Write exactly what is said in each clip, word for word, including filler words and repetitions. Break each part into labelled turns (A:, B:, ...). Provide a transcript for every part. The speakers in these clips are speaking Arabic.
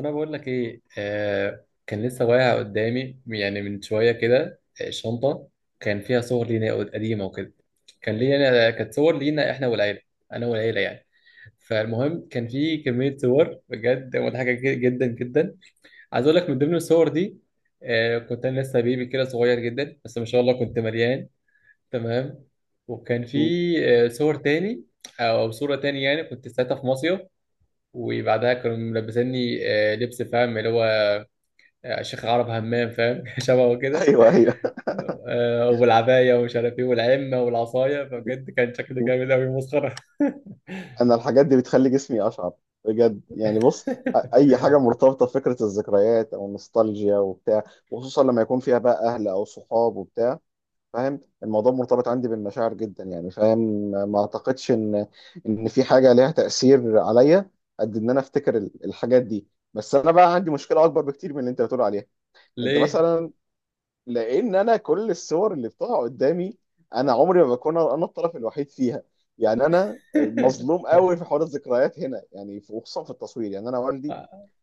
A: انا بقول لك ايه، آه كان لسه واقع قدامي يعني من شويه كده، آه، شنطه كان فيها صور لينا قديمه وكده. كان لينا كانت صور لينا احنا والعيله، انا والعيله يعني. فالمهم كان في كميه صور بجد مضحكه ج- جدا جدا. عايز اقول لك من ضمن الصور دي، آه كنت انا لسه بيبي كده صغير جدا، بس ما شاء الله كنت مليان. تمام. وكان في
B: مم.
A: آه صور تاني او صوره تاني، يعني كنت ساعتها في مصيف، وبعدها كانوا ملبسيني آه، لبس، فاهم اللي هو شيخ عرب همام، فاهم شبهه كده.
B: ايوه ايوه.
A: آه، والعباية ومش عارف ايه والعمة والعصاية، فبجد كان شكله
B: مم.
A: جامد أوي مسخرة.
B: انا الحاجات دي بتخلي جسمي اشعر بجد، يعني بص. أ- اي حاجه مرتبطه بفكره الذكريات او النوستالجيا وبتاع، وخصوصا لما يكون فيها بقى اهل او صحاب وبتاع، فاهم؟ الموضوع مرتبط عندي بالمشاعر جدا، يعني فاهم. ما اعتقدش ان ان في حاجه ليها تاثير عليا قد ان انا افتكر ال- الحاجات دي. بس انا بقى عندي مشكله اكبر بكتير من اللي انت بتقول عليها. انت
A: ليه؟
B: مثلا، لان انا كل الصور اللي بتقع قدامي انا عمري ما بكون انا الطرف الوحيد فيها. يعني انا مظلوم قوي في حوار الذكريات هنا، يعني في- وخصوصا في التصوير. يعني انا والدي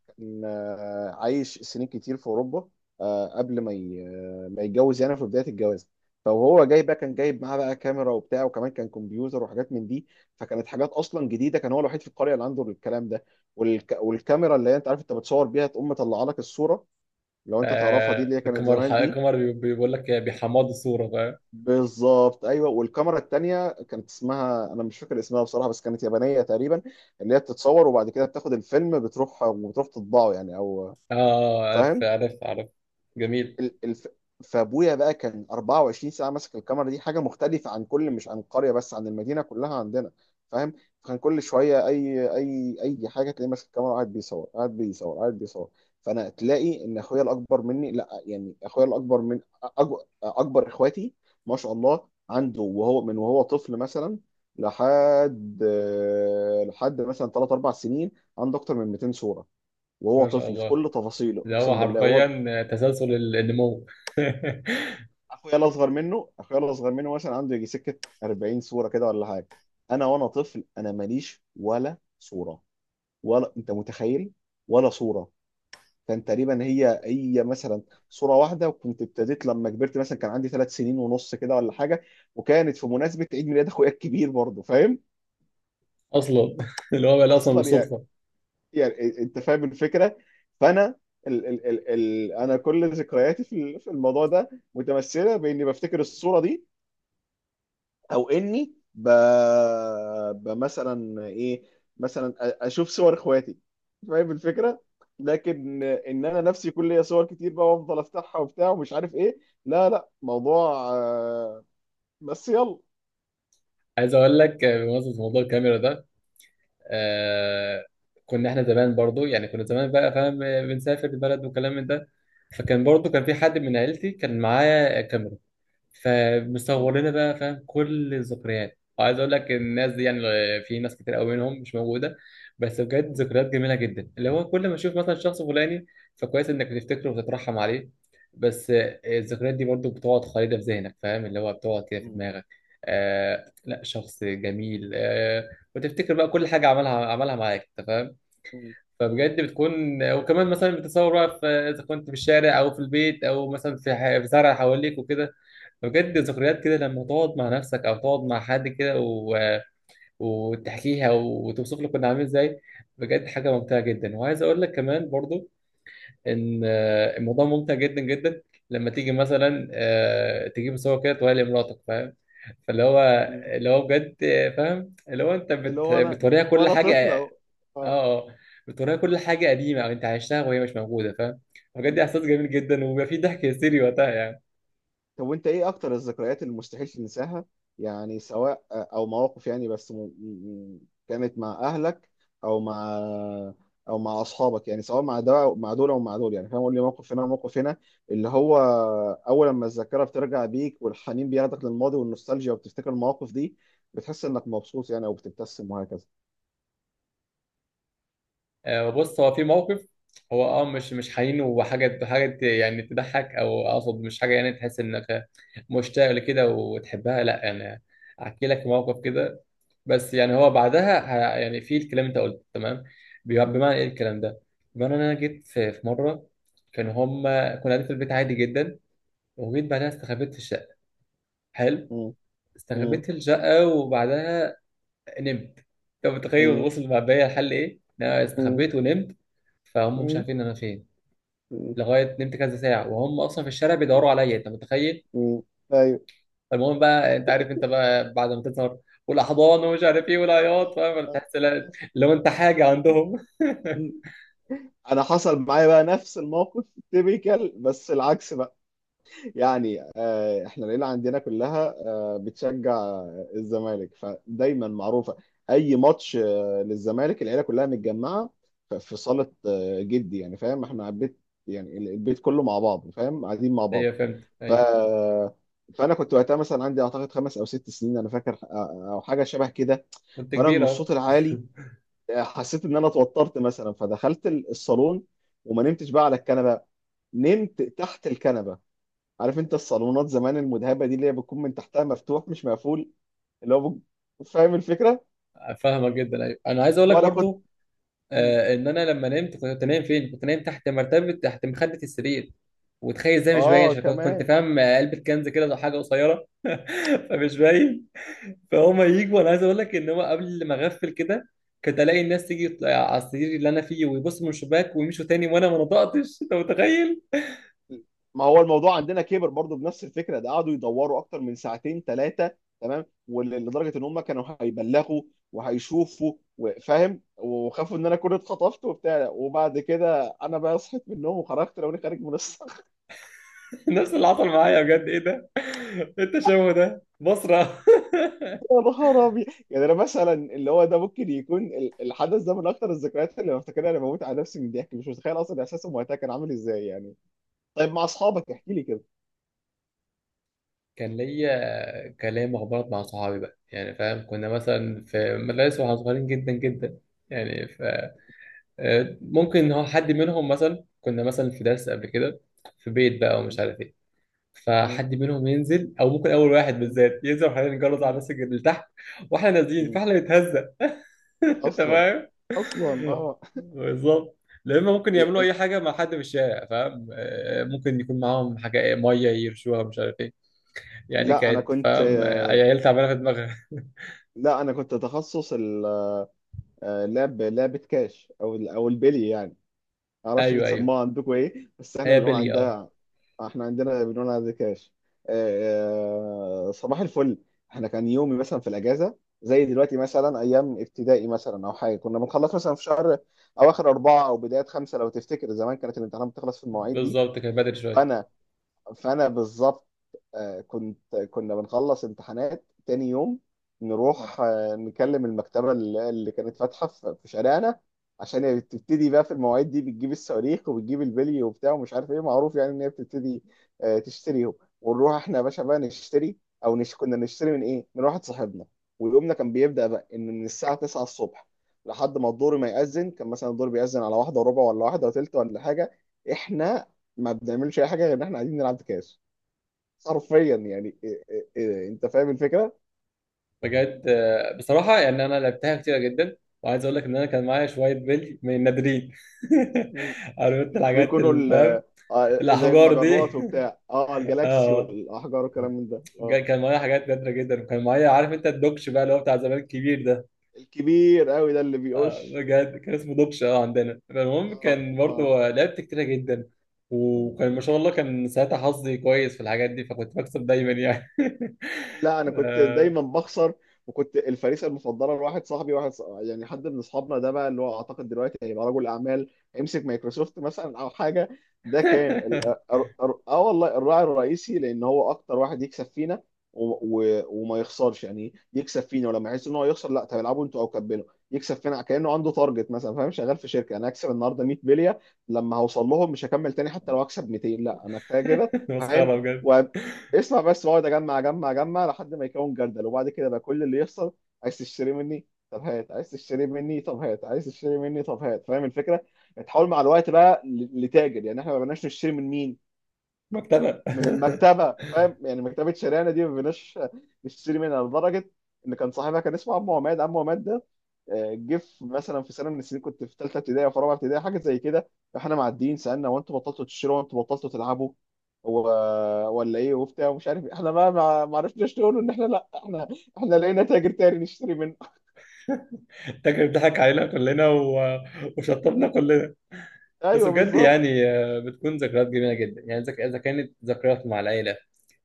B: كان آه، عايش سنين كتير في اوروبا، آه، قبل ما ي- آه، ما يتجوز، يعني في بدايه الجواز. فهو جاي بقى، كان جايب معاه بقى كاميرا وبتاع، وكمان كان كمبيوتر وحاجات من دي. فكانت حاجات اصلا جديده، كان هو الوحيد في القريه اللي عنده الكلام ده. والك... والكاميرا اللي هي انت عارف انت بتصور بيها، تقوم مطلعه لك الصوره، لو انت تعرفها دي
A: آه،
B: اللي هي كانت
A: القمر الح-
B: زمان دي.
A: القمر بي- بيقول لك بيحمضوا الصورة، فاهم؟
B: بالظبط، ايوه. والكاميرا التانية كانت اسمها، انا مش فاكر اسمها بصراحه، بس كانت يابانيه تقريبا، اللي هي بتتصور وبعد كده بتاخد الفيلم، بتروح وبتروح تطبعه، يعني. او
A: اه، عارف
B: فاهم.
A: عارف عارف. جميل.
B: ال- الف... فابويا بقى كان أربعة وعشرين ساعه ماسك الكاميرا دي. حاجه مختلفه عن كل، مش عن القريه بس، عن المدينه كلها عندنا، فاهم. فكان كل شويه اي اي اي حاجه تلاقيه ماسك الكاميرا، وقاعد بيصور قاعد بيصور قاعد بيصور. فانا تلاقي ان اخويا الاكبر مني، لا يعني اخويا الاكبر من أج... اكبر اخواتي، ما شاء الله عنده وهو من وهو طفل، مثلا لحد لحد مثلا ثلاث أربع سنين، عنده اكتر من مئتين صوره وهو
A: ما شاء
B: طفل في
A: الله،
B: كل تفاصيله،
A: ده هو
B: اقسم بالله. وهو
A: حرفيا تسلسل النمو.
B: اخويا الاصغر منه، اخويا الاصغر منه مثلا عنده يجي سكه أربعين صوره كده ولا حاجه. انا وانا طفل انا ماليش ولا صوره، ولا انت متخيل، ولا صوره. كان تقريبا هي هي مثلا صوره واحده، وكنت ابتديت لما كبرت مثلا، كان عندي ثلاث سنين ونص كده ولا حاجه، وكانت في مناسبه عيد ميلاد اخويا الكبير برضه، فاهم.
A: اصلا، اللي هو بقى اصلا
B: اصلا يعني،
A: بالصدفة.
B: يعني انت فاهم الفكره. فانا ال ال ال ال انا كل ذكرياتي في ال- في الموضوع ده متمثله باني بفتكر الصوره دي، او اني ب... ب مثلا ايه، مثلا أ- اشوف صور اخواتي، فاهم الفكره. لكن ان انا نفسي يكون ليا صور كتير بقى وافضل افتحها وبتاع ومش عارف ايه. لا لا، موضوع آه، بس يلا.
A: عايز اقول لك بمناسبة موضوع الكاميرا ده، آه كنا احنا زمان برضو، يعني كنا زمان بقى فاهم بنسافر البلد وكلام من ده. فكان برضو كان في حد من عيلتي كان معاه كاميرا،
B: م-
A: فمصور لنا بقى فاهم كل الذكريات. وعايز اقول لك الناس دي يعني في ناس كتير قوي منهم مش موجوده، بس بجد
B: م-
A: ذكريات جميله جدا، اللي هو كل ما تشوف مثلا شخص فلاني، فكويس انك بتفتكره وتترحم عليه. بس الذكريات دي برضو بتقعد خالده في ذهنك، فاهم اللي هو بتقعد كده في
B: م-
A: دماغك. آه لا، شخص جميل آه. وتفتكر بقى كل حاجه عملها عملها معاك، انت فاهم.
B: م- م-
A: فبجد بتكون، وكمان مثلا بتتصور بقى في، اذا كنت في الشارع او في البيت او مثلا في ح- في زرع حواليك وكده. بجد ذكريات كده لما تقعد مع نفسك او تقعد مع حد كده و... وتحكيها وتوصف لك كنا عامل ازاي. بجد حاجه
B: م-
A: ممتعه جدا. وعايز اقول لك كمان برضو ان آه، الموضوع ممتع جدا جدا لما تيجي مثلا آه، تجيب صور كده توريها لمراتك، فاهم؟ فاللي هو
B: م.
A: اللي هو بجد آه، فاهم اللي هو انت
B: اللي
A: بت...
B: هو انا
A: بتوريها كل
B: وانا
A: حاجه.
B: طفله اهو.
A: اه، اه. بتوريها كل حاجه قديمه او انت عشتها وهي مش موجوده، فاهم. بجد
B: اه.
A: احساس جميل جدا، وبيبقى فيه ضحك هستيري وقتها يعني.
B: طب وانت ايه اكتر الذكريات اللي مستحيل تنساها؟ يعني سواء او مواقف يعني بس م... م- كانت مع اهلك او مع، او مع اصحابك، يعني سواء مع ده أو مع دول او مع دول، يعني فاهم؟ قول لي موقف هنا وموقف هنا، اللي هو اول لما الذاكره بترجع بيك والحنين بياخدك للماضي والنوستالجيا وبتفتكر المواقف دي، بتحس انك مبسوط يعني، او بتبتسم وهكذا.
A: آه، بص هو في موقف، هو اه مش مش حنين وحاجه حاجه ت- يعني تضحك، او اقصد مش حاجه يعني تحس انك مشتاق لكده وتحبها، لا يعني. احكي لك موقف كده، بس يعني هو بعدها ه- يعني في الكلام انت قلته تمام، بي-
B: م-
A: بمعنى ايه الكلام ده؟ بمعنى ان انا جيت في في مره كان هم كنا قاعدين في البيت عادي جدا، وجيت بعدها استخبيت في الشقه. حلو.
B: م- م-
A: استخبيت في الشقه، وبعدها نمت. انت متخيل
B: م-
A: وصل مع بيا الحل ايه؟ إن انا
B: م-
A: استخبيت ونمت، فهم مش
B: م-
A: عارفين انا فين.
B: م-
A: لغايه نمت كذا ساعه وهم اصلا في الشارع بيدوروا عليا، انت متخيل؟
B: م- ايوه.
A: فالمهم بقى انت عارف انت بقى بعد ما تظهر والاحضان ومش عارف ايه والعياط، فاهم تحس لا- لو انت حاجه عندهم.
B: انا حصل معايا بقى نفس الموقف، تيبيكال، بس العكس بقى. يعني آه، احنا العيله عندنا كلها آه، بتشجع آه، الزمالك، فدايما معروفه اي ماتش آه، للزمالك العيله كلها متجمعه ف- في صاله آه، جدي، يعني فاهم احنا البيت، يعني ال- البيت كله مع بعض، فاهم قاعدين مع بعض.
A: ايوه فهمت،
B: ف
A: ايوه
B: فانا كنت وقتها مثلا، عندي اعتقد خمس او ست سنين انا فاكر، آه، او حاجه شبه كده.
A: كنت
B: فانا من
A: كبير اهو.
B: الصوت العالي حسيت ان انا اتوترت مثلا، فدخلت ال- الصالون، وما نمتش بقى على الكنبه، نمت تحت الكنبه. عارف انت الصالونات زمان المذهبه دي، اللي هي بتكون من تحتها مفتوح مش مقفول، اللي هو بج- فاهم الفكره.
A: فاهمك جدا، ايوه. انا عايز اقول لك
B: وانا كنت.
A: برضو آه ان انا لما نمت كنت نايم فين؟ كنت نايم تحت مرتبه تحت مخده السرير، وتخيل ازاي مش باين
B: اه
A: عشان كنت كنت
B: كمان.
A: فاهم آه، علبه كنز كده ولا حاجه قصيره، فمش باين. فهم يجوا، انا عايز اقول لك ان هو قبل ما اغفل كده، كنت الاقي الناس تيجي تطلع على السرير اللي انا فيه ويبصوا من الشباك ويمشوا تاني، وانا ما نطقتش، انت متخيل؟
B: ما هو الموضوع عندنا كبر برضو بنفس الفكره ده، قعدوا يدوروا اكتر من ساعتين ثلاثه، تمام. وال- لدرجه ان هم كانوا هيبلغوا وهيشوفوا وفاهم، وخافوا ان انا كنت اتخطفت وبتاع، وبعد كده انا بقى صحيت من النوم وخرجت، لو انا خارج من.
A: نفس اللي حصل معايا بجد، ايه ده. التشوه ده بصرة.
B: يا نهار ابيض. يعني انا مثلا اللي هو ده، ممكن يكون ال- الحدث ده من اكتر الذكريات اللي بفتكرها. انا بموت على نفسي من الضحك، مش متخيل اصلا احساسهم وقتها كان عامل ازاي يعني. طيب مع اصحابك احكي لي كده.
A: كان ليا كلام اخبارات مع صحابي بقى، يعني فاهم كنا مثلا في مدارس واحنا صغيرين جدا جدا. يعني ف آه، ممكن إن هو حد منهم، مثلا كنا مثلا في درس قبل كده في بيت بقى
B: م-
A: ومش عارف إيه.
B: م-
A: فحد منهم ينزل او ممكن اول واحد
B: م-
A: بالذات ينزل، وحنا نجرز على
B: م-
A: الناس اللي تحت، واحنا نازلين
B: م-
A: فاحنا نتهزق. انت
B: اصلا.
A: فاهم.
B: اصلا اه.
A: بالظبط. لا، اما ممكن يعملوا اي
B: يعني.
A: حاجه مع حد في الشارع فاهم، آه، ممكن يكون معاهم حاجه إيه، ميه يرشوها مش عارف ايه. يعني
B: لا انا
A: كانت
B: كنت،
A: فاهم آه، عيال تعبانه في دماغها.
B: لا انا كنت تخصص ال- آه، لعب لعبه كاش، او ال- او البلي يعني. معرفش
A: ايوه
B: بتسموها
A: ايوه،
B: عندكم ايه، بس احنا
A: هي
B: بنقول
A: بلي اه.
B: عندها، احنا عندنا بنقول عندها كاش. آه، آه، صباح الفل. احنا كان يومي مثلا في الاجازه زي دلوقتي، مثلا ايام ابتدائي مثلا او حاجه، كنا بنخلص مثلا في شهر اواخر اربعه او بدايه خمسه. لو تفتكر زمان كانت الامتحانات بتخلص في المواعيد دي.
A: بالظبط كانت بدري شويه.
B: فانا فانا بالظبط آه، كنت، كنا بنخلص امتحانات تاني يوم، نروح آه، نكلم المكتبة اللي اللي كانت فاتحة في في شارعنا، عشان هي بتبتدي بقى في المواعيد دي، بتجيب الصواريخ وبتجيب البلي وبتاع ومش عارف ايه، معروف يعني ان هي بتبتدي آه، تشتريهم. ونروح احنا يا باشا بقى نشتري، او نش... كنا نشتري من ايه؟ من واحد صاحبنا. ويومنا كان بيبدأ بقى ان من الساعة التسعة الصبح لحد ما الدور ما يأذن. كان مثلا الدور بيأذن على واحدة وربع ولا واحدة وتلت ولا حاجة، احنا ما بنعملش اي حاجه غير ان احنا قاعدين نلعب كاس، حرفيا يعني إيه إيه إيه انت فاهم الفكره.
A: بجد آه، بصراحه يعني انا لعبتها كتير جدا، وعايز اقول لك ان انا كان معايا شويه بلي من النادرين.
B: م-
A: عرفت
B: اللي هم بيكونوا
A: الحاجات
B: بيكونوا
A: اللي
B: ال-
A: فاهم.
B: آه، زي
A: الاحجار دي.
B: المجرات وبتاع، اه الجالاكسي
A: اه،
B: والاحجار والكلام من ده
A: جا-
B: اه.
A: كان معايا حاجات نادره جدا، وكان معايا عارف انت الدوكش بقى اللي هو بتاع زمان الكبير ده.
B: الكبير قوي ده اللي
A: آه،
B: بيقش،
A: بجد كان اسمه دوكش اه عندنا. فالمهم
B: اه
A: كان
B: اه.
A: برضه لعبت كتيره جدا، وكان ما شاء الله كان ساعتها حظي كويس في الحاجات دي، فكنت بكسب دايما يعني.
B: لا انا كنت
A: آه.
B: دايما بخسر، وكنت الفريسه المفضله لواحد صاحبي، واحد ص- يعني حد من اصحابنا ده بقى، اللي هو اعتقد دلوقتي هيبقى رجل اعمال، هيمسك مايكروسوفت مثلا او حاجه. ده كان ال- ار- ار- اه والله الراعي الرئيسي، لان هو اكتر واحد يكسب فينا و- و- وما يخسرش، يعني يكسب فينا ولما يحس ان هو يخسر، لا طب العبوا انتوا او كبلوا. يكسب فينا كانه عنده تارجت مثلا، فاهم شغال في شركه، انا هكسب النهارده ميه بليه، لما هوصل لهم مش هكمل تاني حتى لو هكسب ميتين، لا انا كفايه كده،
A: مسخره
B: فاهم.
A: بجد.
B: اسمع بس، واقعد اجمع اجمع اجمع لحد ما يكون جردل، وبعد كده بقى كل اللي يحصل، عايز تشتري مني؟ طب هات. عايز تشتري مني؟ طب هات. عايز تشتري مني؟ طب هات. فاهم الفكره؟ يعني تحاول مع الوقت بقى ل- لتاجر. يعني احنا ما بقناش نشتري من مين؟
A: مكتبه.
B: من المكتبه، فاهم. يعني مكتبه شارعنا دي ما بقيناش نشتري منها، لدرجه ان كان صاحبها، كان اسمه عمو عماد. عمو عماد ده آه، جه في- مثلا في سنه من السنين، كنت في ثالثه ابتدائي او في رابعه ابتدائي حاجه زي كده، فاحنا معديين سالنا، هو انتوا بطلتوا تشتروا، هو انتوا بطلتوا تلعبوا، هو ولا ايه، وبتاع ومش عارف إيه. احنا بقى ما ما عرفناش نقول ان احنا، لا احنا احنا لقينا تاجر تاني نشتري منه.
A: فاكر ضحك علينا كلنا و... وشطبنا كلنا. بس
B: ايوه
A: بجد
B: بالظبط.
A: يعني آه، بتكون ذكريات جميله جدا، يعني إذا إذا كانت ذكريات مع العيله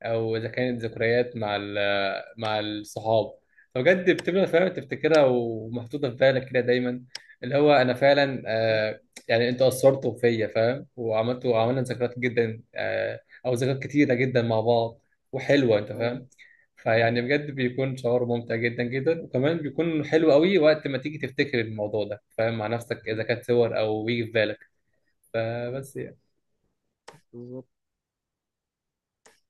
A: او اذا كانت ذكريات مع ال- مع الصحاب، فبجد بتبقى فعلا تفتكرها ومحطوطه في بالك كده دايما. اللي هو انا فعلا آه، يعني انتوا اثرتوا فيا فاهم، وعملتوا عملنا ذكريات جدا آه، او ذكريات كتيره جدا مع بعض، وحلوه انت
B: ايوه
A: فاهم. فيعني
B: ايوه
A: بجد بيكون شعور ممتع جدا جدا، وكمان بيكون حلو قوي وقت ما تيجي تفتكر الموضوع ده، فاهم مع نفسك، اذا كانت صور او يجي في بالك. فبس.
B: بالظبط.